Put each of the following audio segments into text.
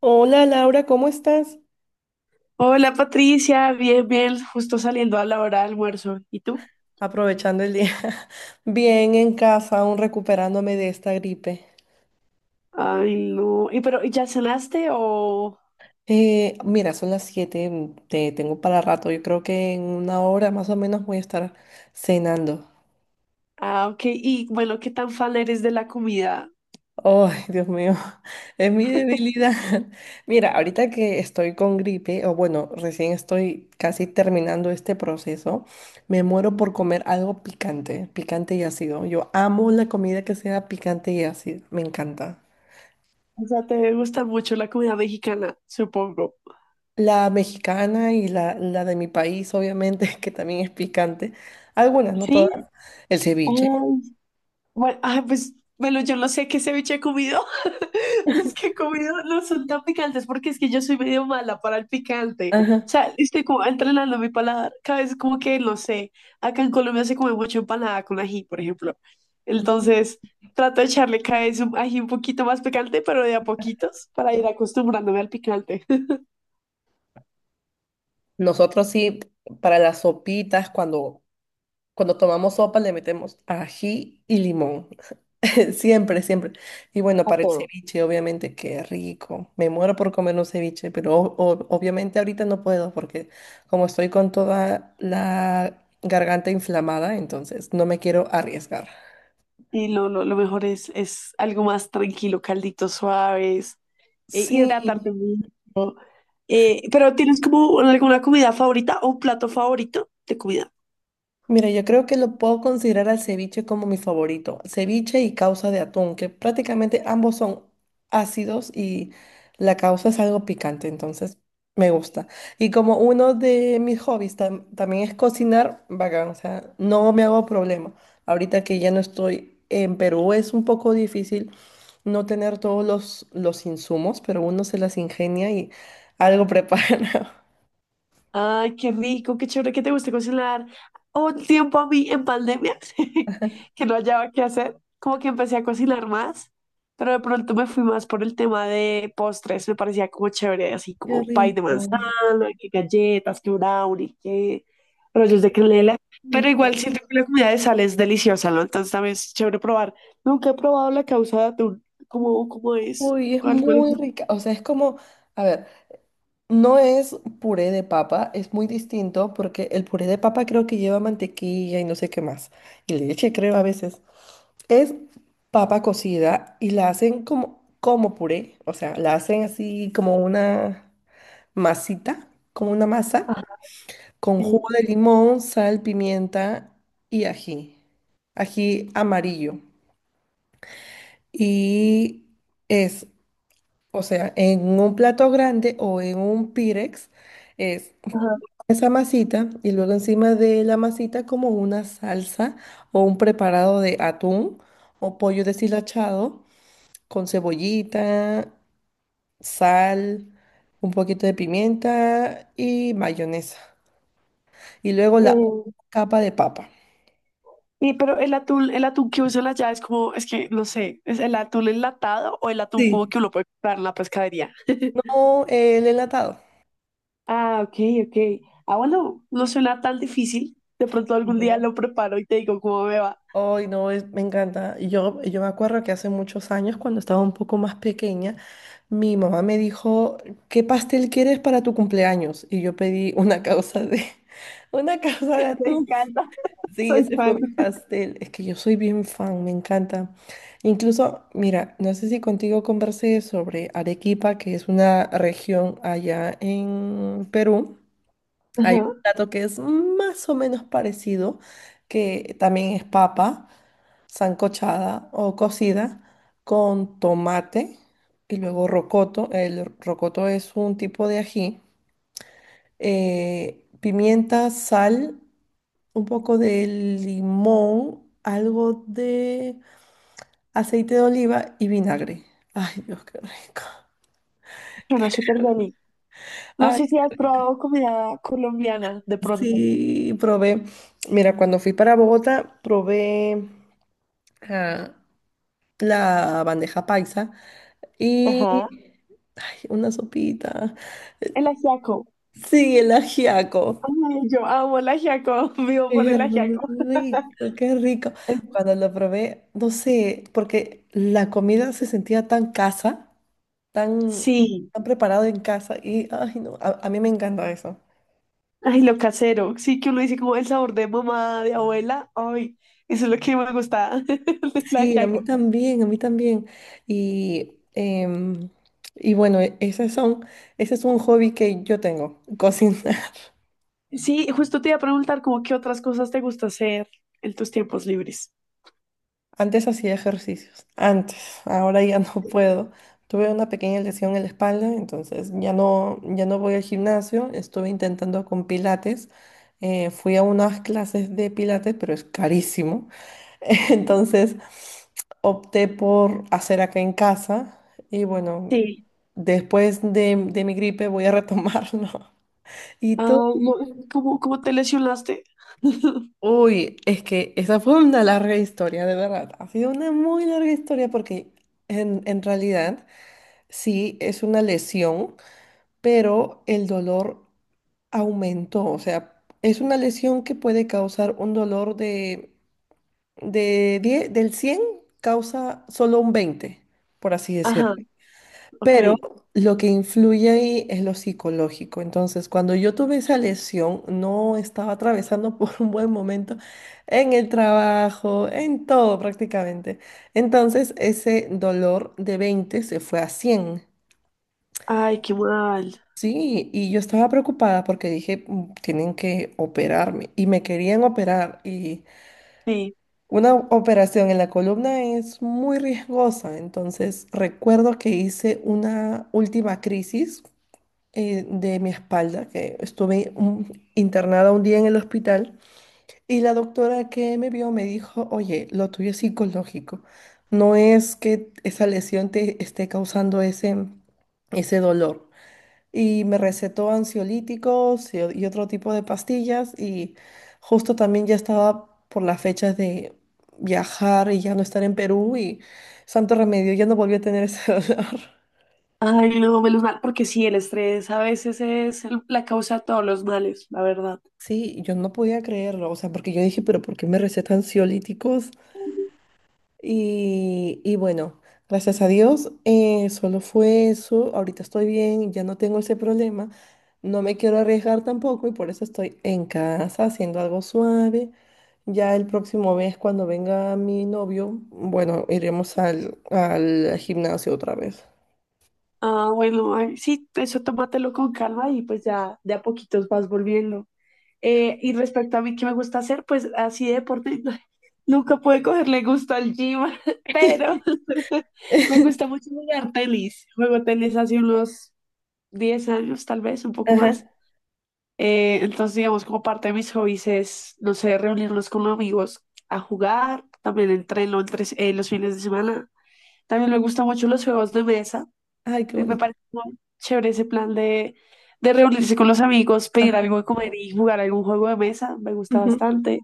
Hola Laura, ¿cómo estás? Hola Patricia, bien, bien, justo saliendo a la hora de almuerzo. ¿Y tú? Aprovechando el día. Bien en casa, aún recuperándome de esta gripe. Ay, no. ¿Y pero ya cenaste o...? Mira, son las 7, te tengo para rato. Yo creo que en una hora más o menos voy a estar cenando. Ah, ok. Y bueno, ¿qué tan fan eres de la comida? Ay, Dios mío, es mi debilidad. Mira, ahorita que estoy con gripe, o bueno, recién estoy casi terminando este proceso, me muero por comer algo picante, picante y ácido. Yo amo la comida que sea picante y ácida, me encanta. O sea, te gusta mucho la comida mexicana, supongo. La mexicana y la de mi país, obviamente, que también es picante. Algunas, no todas. ¿Sí? El Ay, ceviche. bueno, ah, pues, bueno, yo no sé qué ceviche he comido. Los que he comido no son tan picantes porque es que yo soy medio mala para el picante. O Ajá. sea, estoy como entrenando mi paladar. Cada vez como que, no sé, acá en Colombia se come mucho empanada con ají, por ejemplo. Entonces, trato de echarle cada vez un ají un poquito más picante, pero de a poquitos, para ir acostumbrándome al picante, Nosotros sí, para las sopitas, cuando tomamos sopa, le metemos ají y limón. Siempre, siempre. Y bueno, a para el todo. ceviche, obviamente, qué rico. Me muero por comer un ceviche, pero obviamente ahorita no puedo porque como estoy con toda la garganta inflamada, entonces no me quiero arriesgar. Y lo mejor es algo más tranquilo, calditos suaves, Sí. hidratarte mucho. Pero ¿tienes como alguna comida favorita o un plato favorito de comida? Mira, yo creo que lo puedo considerar al ceviche como mi favorito. Ceviche y causa de atún, que prácticamente ambos son ácidos y la causa es algo picante, entonces me gusta. Y como uno de mis hobbies también es cocinar, bacán, o sea, no me hago problema. Ahorita que ya no estoy en Perú es un poco difícil no tener todos los insumos, pero uno se las ingenia y algo prepara. Ay, qué rico, qué chévere que te guste cocinar. Hubo un tiempo a mí en pandemia que no hallaba qué hacer, como que empecé a cocinar más, pero de pronto me fui más por el tema de postres, me parecía como chévere, así Qué como pay de manzana, rico. que galletas, que brownie, que rollos de canela, pero igual siento que la comida de sal es deliciosa, ¿no? Entonces también es chévere probar. Nunca he probado la causa de atún, ¿cómo, cómo es? Uy, es ¿Cuál, cuál es? muy La- rica. O sea, es como, a ver, no es puré de papa, es muy distinto porque el puré de papa creo que lleva mantequilla y no sé qué más. Y leche, creo, a veces. Es papa cocida y la hacen como puré. O sea, la hacen así como una masita, como una masa, ah, con jugo sí, de limón, sal, pimienta y ají. Ají amarillo. Y es O sea, en un plato grande o en un pirex es ajá. esa masita y luego encima de la masita como una salsa o un preparado de atún o pollo deshilachado con cebollita, sal, un poquito de pimienta y mayonesa. Y luego la capa de papa. Y pero el atún que usa allá es como, es que no sé, ¿es el atún enlatado o el atún cubo Sí. que uno puede comprar en la pescadería? No, el enlatado. Ah, ok, ok. Ah, bueno, no suena tan difícil. De pronto algún día Ujú. lo preparo y te digo cómo me va. Ay, no, me encanta. Yo me acuerdo que hace muchos años, cuando estaba un poco más pequeña, mi mamá me dijo, ¿qué pastel quieres para tu cumpleaños? Y yo pedí una causa de, una causa de Me atún. encanta, Sí, soy ese fue fan. mi pastel. Es que yo soy bien fan, me encanta. Incluso, mira, no sé si contigo conversé sobre Arequipa, que es una región allá en Perú. Hay un Ajá, plato que es más o menos parecido, que también es papa sancochada o cocida con tomate y luego rocoto. El rocoto es un tipo de ají, pimienta, sal, un poco de limón, algo de aceite de oliva y vinagre. Ay, Dios, qué rico. suena súper bien. No Ay, sé si has probado comida colombiana de pronto. sí, probé. Mira, cuando fui para Bogotá, probé ah, la bandeja paisa y Ajá. ay, una sopita. El ajiaco. Sí, el ajiaco. Ay, yo amo el ajiaco, vivo por Qué el ajiaco. rico, qué rico. Cuando lo probé, no sé, porque la comida se sentía tan casa, tan, Sí. tan preparado en casa y, ay, no, a mí me encanta eso. Ay, lo casero. Sí, que uno dice como el sabor de mamá, de abuela. Ay, eso es lo que me gusta de la Sí, a mí ajiaco. también, a mí también. Y, em, y bueno, esas son, ese es un hobby que yo tengo, cocinar. Sí, justo te iba a preguntar como qué otras cosas te gusta hacer en tus tiempos libres. Antes hacía ejercicios, antes, ahora ya no puedo. Tuve una pequeña lesión en la espalda, entonces ya no voy al gimnasio. Estuve intentando con pilates. Fui a unas clases de pilates, pero es carísimo. Entonces opté por hacer acá en casa. Y bueno, Sí. después de mi gripe voy a retomarlo. ¿Y tú? Ah, no, ¿cómo, cómo te lesionaste? Uy, es que esa fue una larga historia, de verdad. Ha sido una muy larga historia porque en realidad sí es una lesión, pero el dolor aumentó. O sea, es una lesión que puede causar un dolor de 10 del 100 causa solo un 20, por así decirlo. Ajá. Ok, Pero lo que influye ahí es lo psicológico. Entonces, cuando yo tuve esa lesión, no estaba atravesando por un buen momento en el trabajo, en todo prácticamente. Entonces, ese dolor de 20 se fue a 100. ay, qué mal. Sí, y yo estaba preocupada porque dije, "Mm, tienen que operarme y me querían operar y Sí, una operación en la columna es muy riesgosa." Entonces, recuerdo que hice una última crisis de mi espalda, que estuve internada un día en el hospital y la doctora que me vio me dijo, oye, lo tuyo es psicológico, no es que esa lesión te esté causando ese dolor. Y me recetó ansiolíticos y otro tipo de pastillas y justo también ya estaba por las fechas de viajar y ya no estar en Perú y santo remedio, ya no volví a tener ese dolor. ay, no, menos mal, porque sí, el estrés a veces es la causa de todos los males, la verdad. Sí, yo no podía creerlo, o sea, porque yo dije, pero ¿por qué me recetan ansiolíticos? Y bueno, gracias a Dios, solo fue eso, ahorita estoy bien, ya no tengo ese problema, no me quiero arriesgar tampoco y por eso estoy en casa haciendo algo suave. Ya el próximo mes, cuando venga mi novio, bueno, iremos al gimnasio otra vez. Ah, bueno, ay, sí, eso tómatelo con calma y pues ya de a poquitos vas volviendo. Y respecto a mí, ¿qué me gusta hacer? Pues así de deporte, nunca pude cogerle gusto al gym, pero me gusta mucho jugar tenis. Juego tenis hace unos 10 años, tal vez, un poco más. Ajá. Entonces, digamos, como parte de mis hobbies es, no sé, reunirnos con amigos a jugar, también entreno los fines de semana. También me gustan mucho los juegos de mesa. Ay, qué Me bonito. parece muy chévere ese plan de reunirse con los amigos, pedir Ajá. algo de comer y jugar algún juego de mesa. Me gusta Ujú. bastante.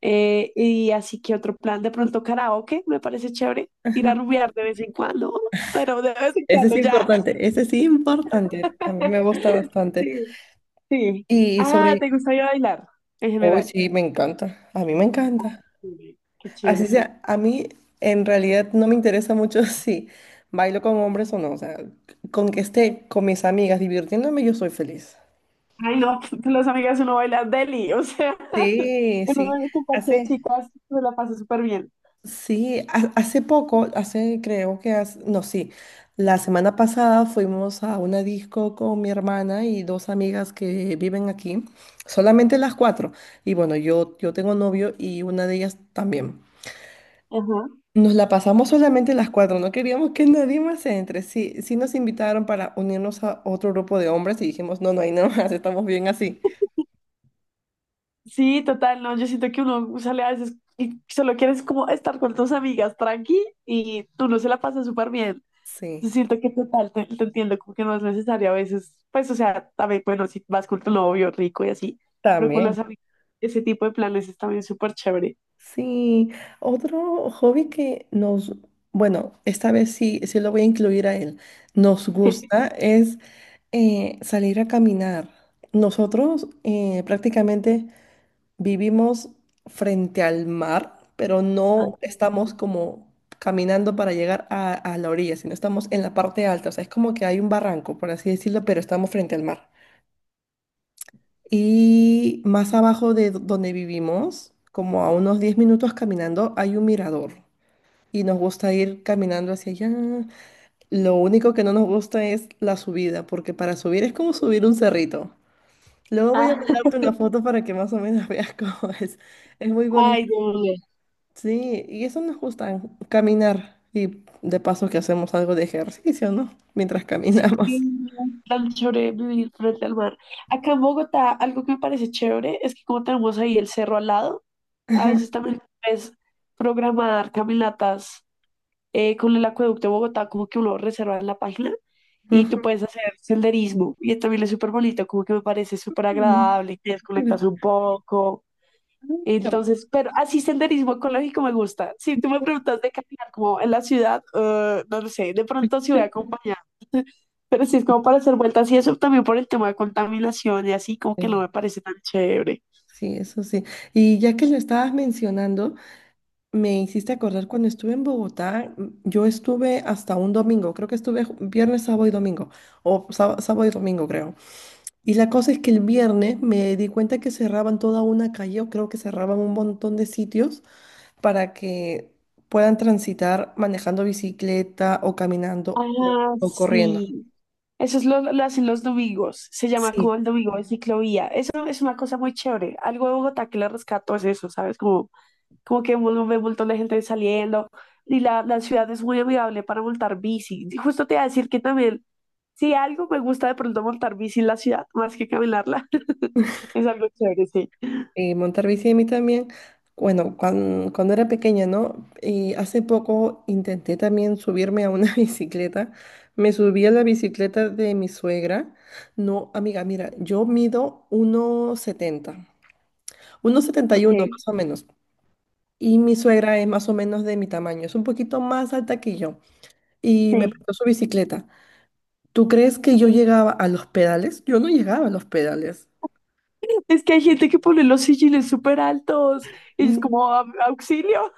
Y así que otro plan, de pronto karaoke, me parece chévere. Ir Ajá. a rumbear de vez en cuando, pero de vez en Ese es cuando ya. importante, ese sí importante, a mí me gusta bastante. Sí, sí. Y Ah, sobre, ¿te gusta ir a bailar en hoy general? sí, me encanta, a mí me encanta. Sí, qué Así chévere. sea, a mí en realidad no me interesa mucho si bailo con hombres o no, o sea, con que esté con mis amigas divirtiéndome, yo soy feliz. Ay, no, con las amigas uno baila deli, o sea, Sí, uno sí, baila con parche de hace, chicas, se la pasa súper bien. sí, hace poco, hace creo que no, sí, la semana pasada fuimos a una disco con mi hermana y dos amigas que viven aquí, solamente las cuatro. Y bueno, yo tengo novio y una de ellas también. Ajá. Nos la pasamos solamente las cuatro, no queríamos que nadie más entre. Sí, sí nos invitaron para unirnos a otro grupo de hombres y dijimos, no, no hay nada más, estamos bien así. Sí, total, no, yo siento que uno sale a veces y solo quieres como estar con tus amigas tranqui y tú no se la pasas súper bien. Yo Sí, siento que total, te entiendo, como que no es necesario a veces, pues, o sea, también, bueno, si vas con tu novio rico y así, pero con también. las amigas, ese tipo de planes es también súper chévere. Sí, otro hobby que nos, bueno, esta vez sí, sí lo voy a incluir a él, nos gusta es salir a caminar. Nosotros prácticamente vivimos frente al mar, pero Ay, no estamos como caminando para llegar a la orilla, sino estamos en la parte alta, o sea, es como que hay un barranco, por así decirlo, pero estamos frente al mar. Y más abajo de donde vivimos, como a unos 10 minutos caminando, hay un mirador. Y nos gusta ir caminando hacia allá. Lo único que no nos gusta es la subida, porque para subir es como subir un cerrito. Luego voy a ah, mandarte una foto para que más o menos veas cómo es. Es muy bonito. ay, Dios. Sí, y eso nos gusta, caminar. Y de paso que hacemos algo de ejercicio, ¿no? Mientras caminamos. Sí, tan chévere vivir frente al mar. Acá en Bogotá, algo que me parece chévere es que como tenemos ahí el cerro al lado, a veces también puedes programar caminatas con el acueducto de Bogotá, como que uno reserva en la página y tú puedes hacer senderismo. Y también es súper bonito, como que me parece súper Ujú. agradable, te desconectas un poco. Ujú. Entonces, pero así senderismo ecológico me gusta. Si tú me preguntas de caminar como en la ciudad, no lo sé, de pronto sí voy acompañada. Pero si es como para hacer vueltas y eso también por el tema de contaminación y así, como que no Sí. me parece tan chévere. Sí, eso sí. Y ya que lo estabas mencionando, me hiciste acordar cuando estuve en Bogotá, yo estuve hasta un domingo, creo que estuve viernes, sábado y domingo, o sábado y domingo creo. Y la cosa es que el viernes me di cuenta que cerraban toda una calle, o creo que cerraban un montón de sitios para que puedan transitar manejando bicicleta o caminando o Ah, o corriendo. sí. Eso es lo hacen los domingos, se llama como Sí. el domingo de ciclovía. Eso es una cosa muy chévere. Algo de Bogotá que le rescato es eso, ¿sabes? Como, como que uno ve un montón de gente saliendo y la ciudad es muy amigable para montar bici. Y justo te iba a decir que también, si algo me gusta de pronto montar bici en la ciudad, más que caminarla, es algo chévere, sí. Y montar bici a mí también. Bueno, cuando era pequeña, ¿no? Y hace poco intenté también subirme a una bicicleta. Me subí a la bicicleta de mi suegra. No, amiga, mira, yo mido uno setenta, uno setenta y Ok, uno más o menos. Y mi suegra es más o menos de mi tamaño. Es un poquito más alta que yo. Y me sí. prestó su bicicleta. ¿Tú crees que yo llegaba a los pedales? Yo no llegaba a los pedales. Es que hay gente que pone los sillines súper altos y es como "Au- auxilio.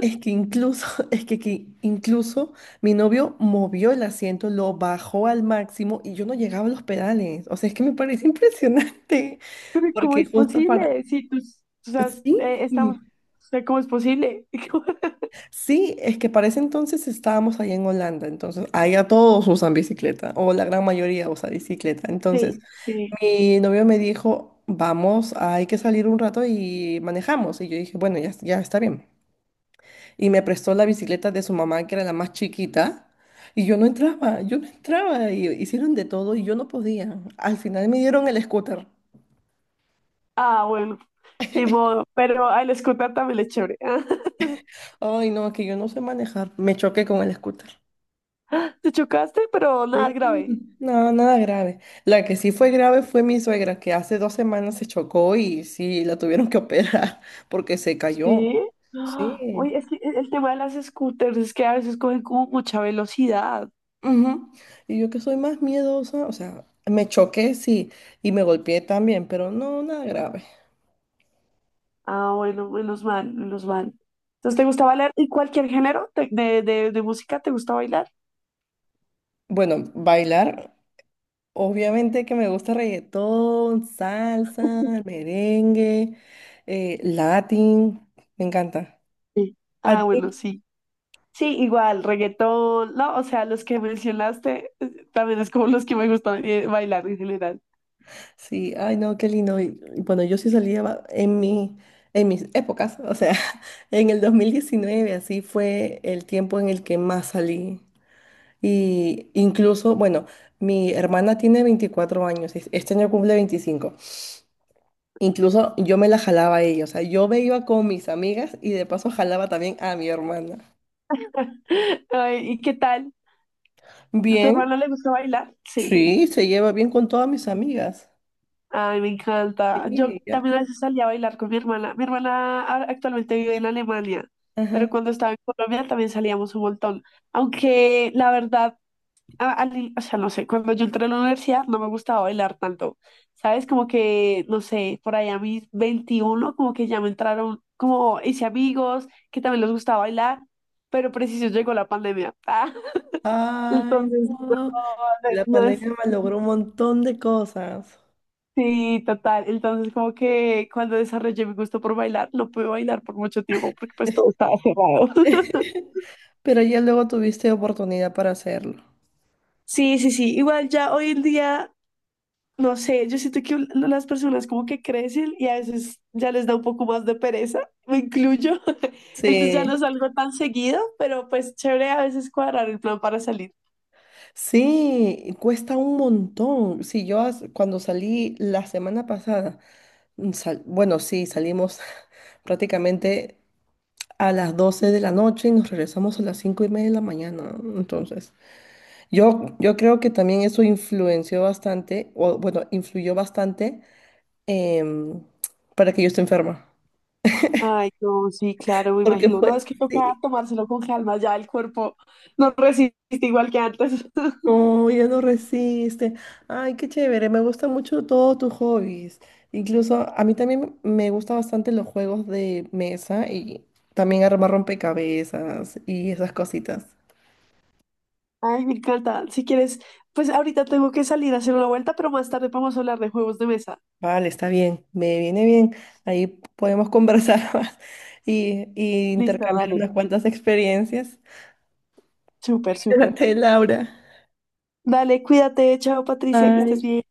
Es que incluso, es que incluso mi novio movió el asiento, lo bajó al máximo y yo no llegaba a los pedales. O sea, es que me parece impresionante, Pero ¿cómo porque es justo posible? para... Si tú, o sea, es- Sí, está, o sea, ¿cómo es posible? sí, es que para ese entonces estábamos allá en Holanda, entonces allá todos usan bicicleta, o la gran mayoría usa bicicleta. Entonces, Sí, sí. mi novio me dijo, vamos, hay que salir un rato y manejamos. Y yo dije, bueno, ya, ya está bien. Y me prestó la bicicleta de su mamá, que era la más chiquita, y yo no entraba, y hicieron de todo y yo no podía. Al final me dieron el scooter. Ah, bueno, ni modo. Pero a el scooter también le es chévere. Ay, no, es que yo no sé manejar. Me choqué con el scooter. Te chocaste, pero nada Sí. grave. No, nada grave. La que sí fue grave fue mi suegra, que hace 2 semanas se chocó y sí, la tuvieron que operar porque se cayó. Sí. Ah, Sí. oye, es que el tema de las scooters es que a veces cogen como mucha velocidad. Ujú. Y yo que soy más miedosa, o sea, me choqué, sí, y me golpeé también, pero no, nada grave. Ah, bueno, menos mal, menos mal. Entonces, ¿te gusta bailar? ¿Y cualquier género de música? ¿Te gusta bailar? Bueno, bailar, obviamente que me gusta reggaetón, salsa, merengue, latín, me encanta. Sí. ¿A Ah, bueno, ti? sí. Sí, igual, reggaetón, no, o sea, los que mencionaste también es como los que me gustan bailar en general. Sí, ay no, qué lindo. Y bueno, yo sí salía en mis épocas, o sea, en el 2019 así fue el tiempo en el que más salí. Y incluso, bueno, mi hermana tiene 24 años, este año cumple 25. Incluso yo me la jalaba a ella, o sea, yo me iba con mis amigas y de paso jalaba también a mi hermana. Ay, ¿y qué tal? ¿A tu Bien, hermano le gusta bailar? Sí. sí, se lleva bien con todas mis amigas. Ay, me encanta. Yo Sí, ya. también a veces salía a bailar con mi hermana. Mi hermana ahora- actualmente vive en Alemania, Ajá. pero cuando estaba en Colombia también salíamos un montón. Aunque la verdad o sea, no sé, cuando yo entré a la universidad no me gustaba bailar tanto, ¿sabes? Como que, no sé, por ahí a mis 21 como que ya me entraron, como hice amigos que también les gustaba bailar, pero preciso llegó la pandemia. Ah, Ay, entonces, no, no. La no es... pandemia malogró un montón de cosas. Sí, total. Entonces, como que cuando desarrollé mi gusto por bailar, no pude bailar por mucho tiempo porque pues todo estaba cerrado. Pero ya luego tuviste oportunidad para hacerlo. Sí, sí, sí. Igual ya hoy en día no sé, yo siento que las personas como que crecen y a veces ya les da un poco más de pereza, me incluyo. Entonces ya no Sí, salgo tan seguido, pero pues chévere a veces cuadrar el plan para salir. sí, cuesta un montón. Sí, yo cuando salí la semana pasada, bueno, sí, salimos prácticamente a las 12 de la noche y nos regresamos a las 5:30 de la mañana. Entonces, yo creo que también eso influenció bastante, o bueno, influyó bastante em, para que yo esté enferma. Ay, no, sí, claro, me Porque imagino. fue, No, es que toca sí, tomárselo con calma, ya el cuerpo no resiste igual que antes. no, ya no resiste. Ay, qué chévere, me gustan mucho todos tus hobbies. Incluso a mí también me gustan bastante los juegos de mesa y también armar rompecabezas y esas cositas. Ay, me encanta. Si quieres, pues ahorita tengo que salir a hacer una vuelta, pero más tarde vamos a hablar de juegos de mesa. Vale, está bien, me viene bien. Ahí podemos conversar más y Listo, intercambiar dale. unas cuantas experiencias. Súper, súper. Cuídate, Laura. Dale, cuídate. Chao, Patricia, que estés Bye. bien.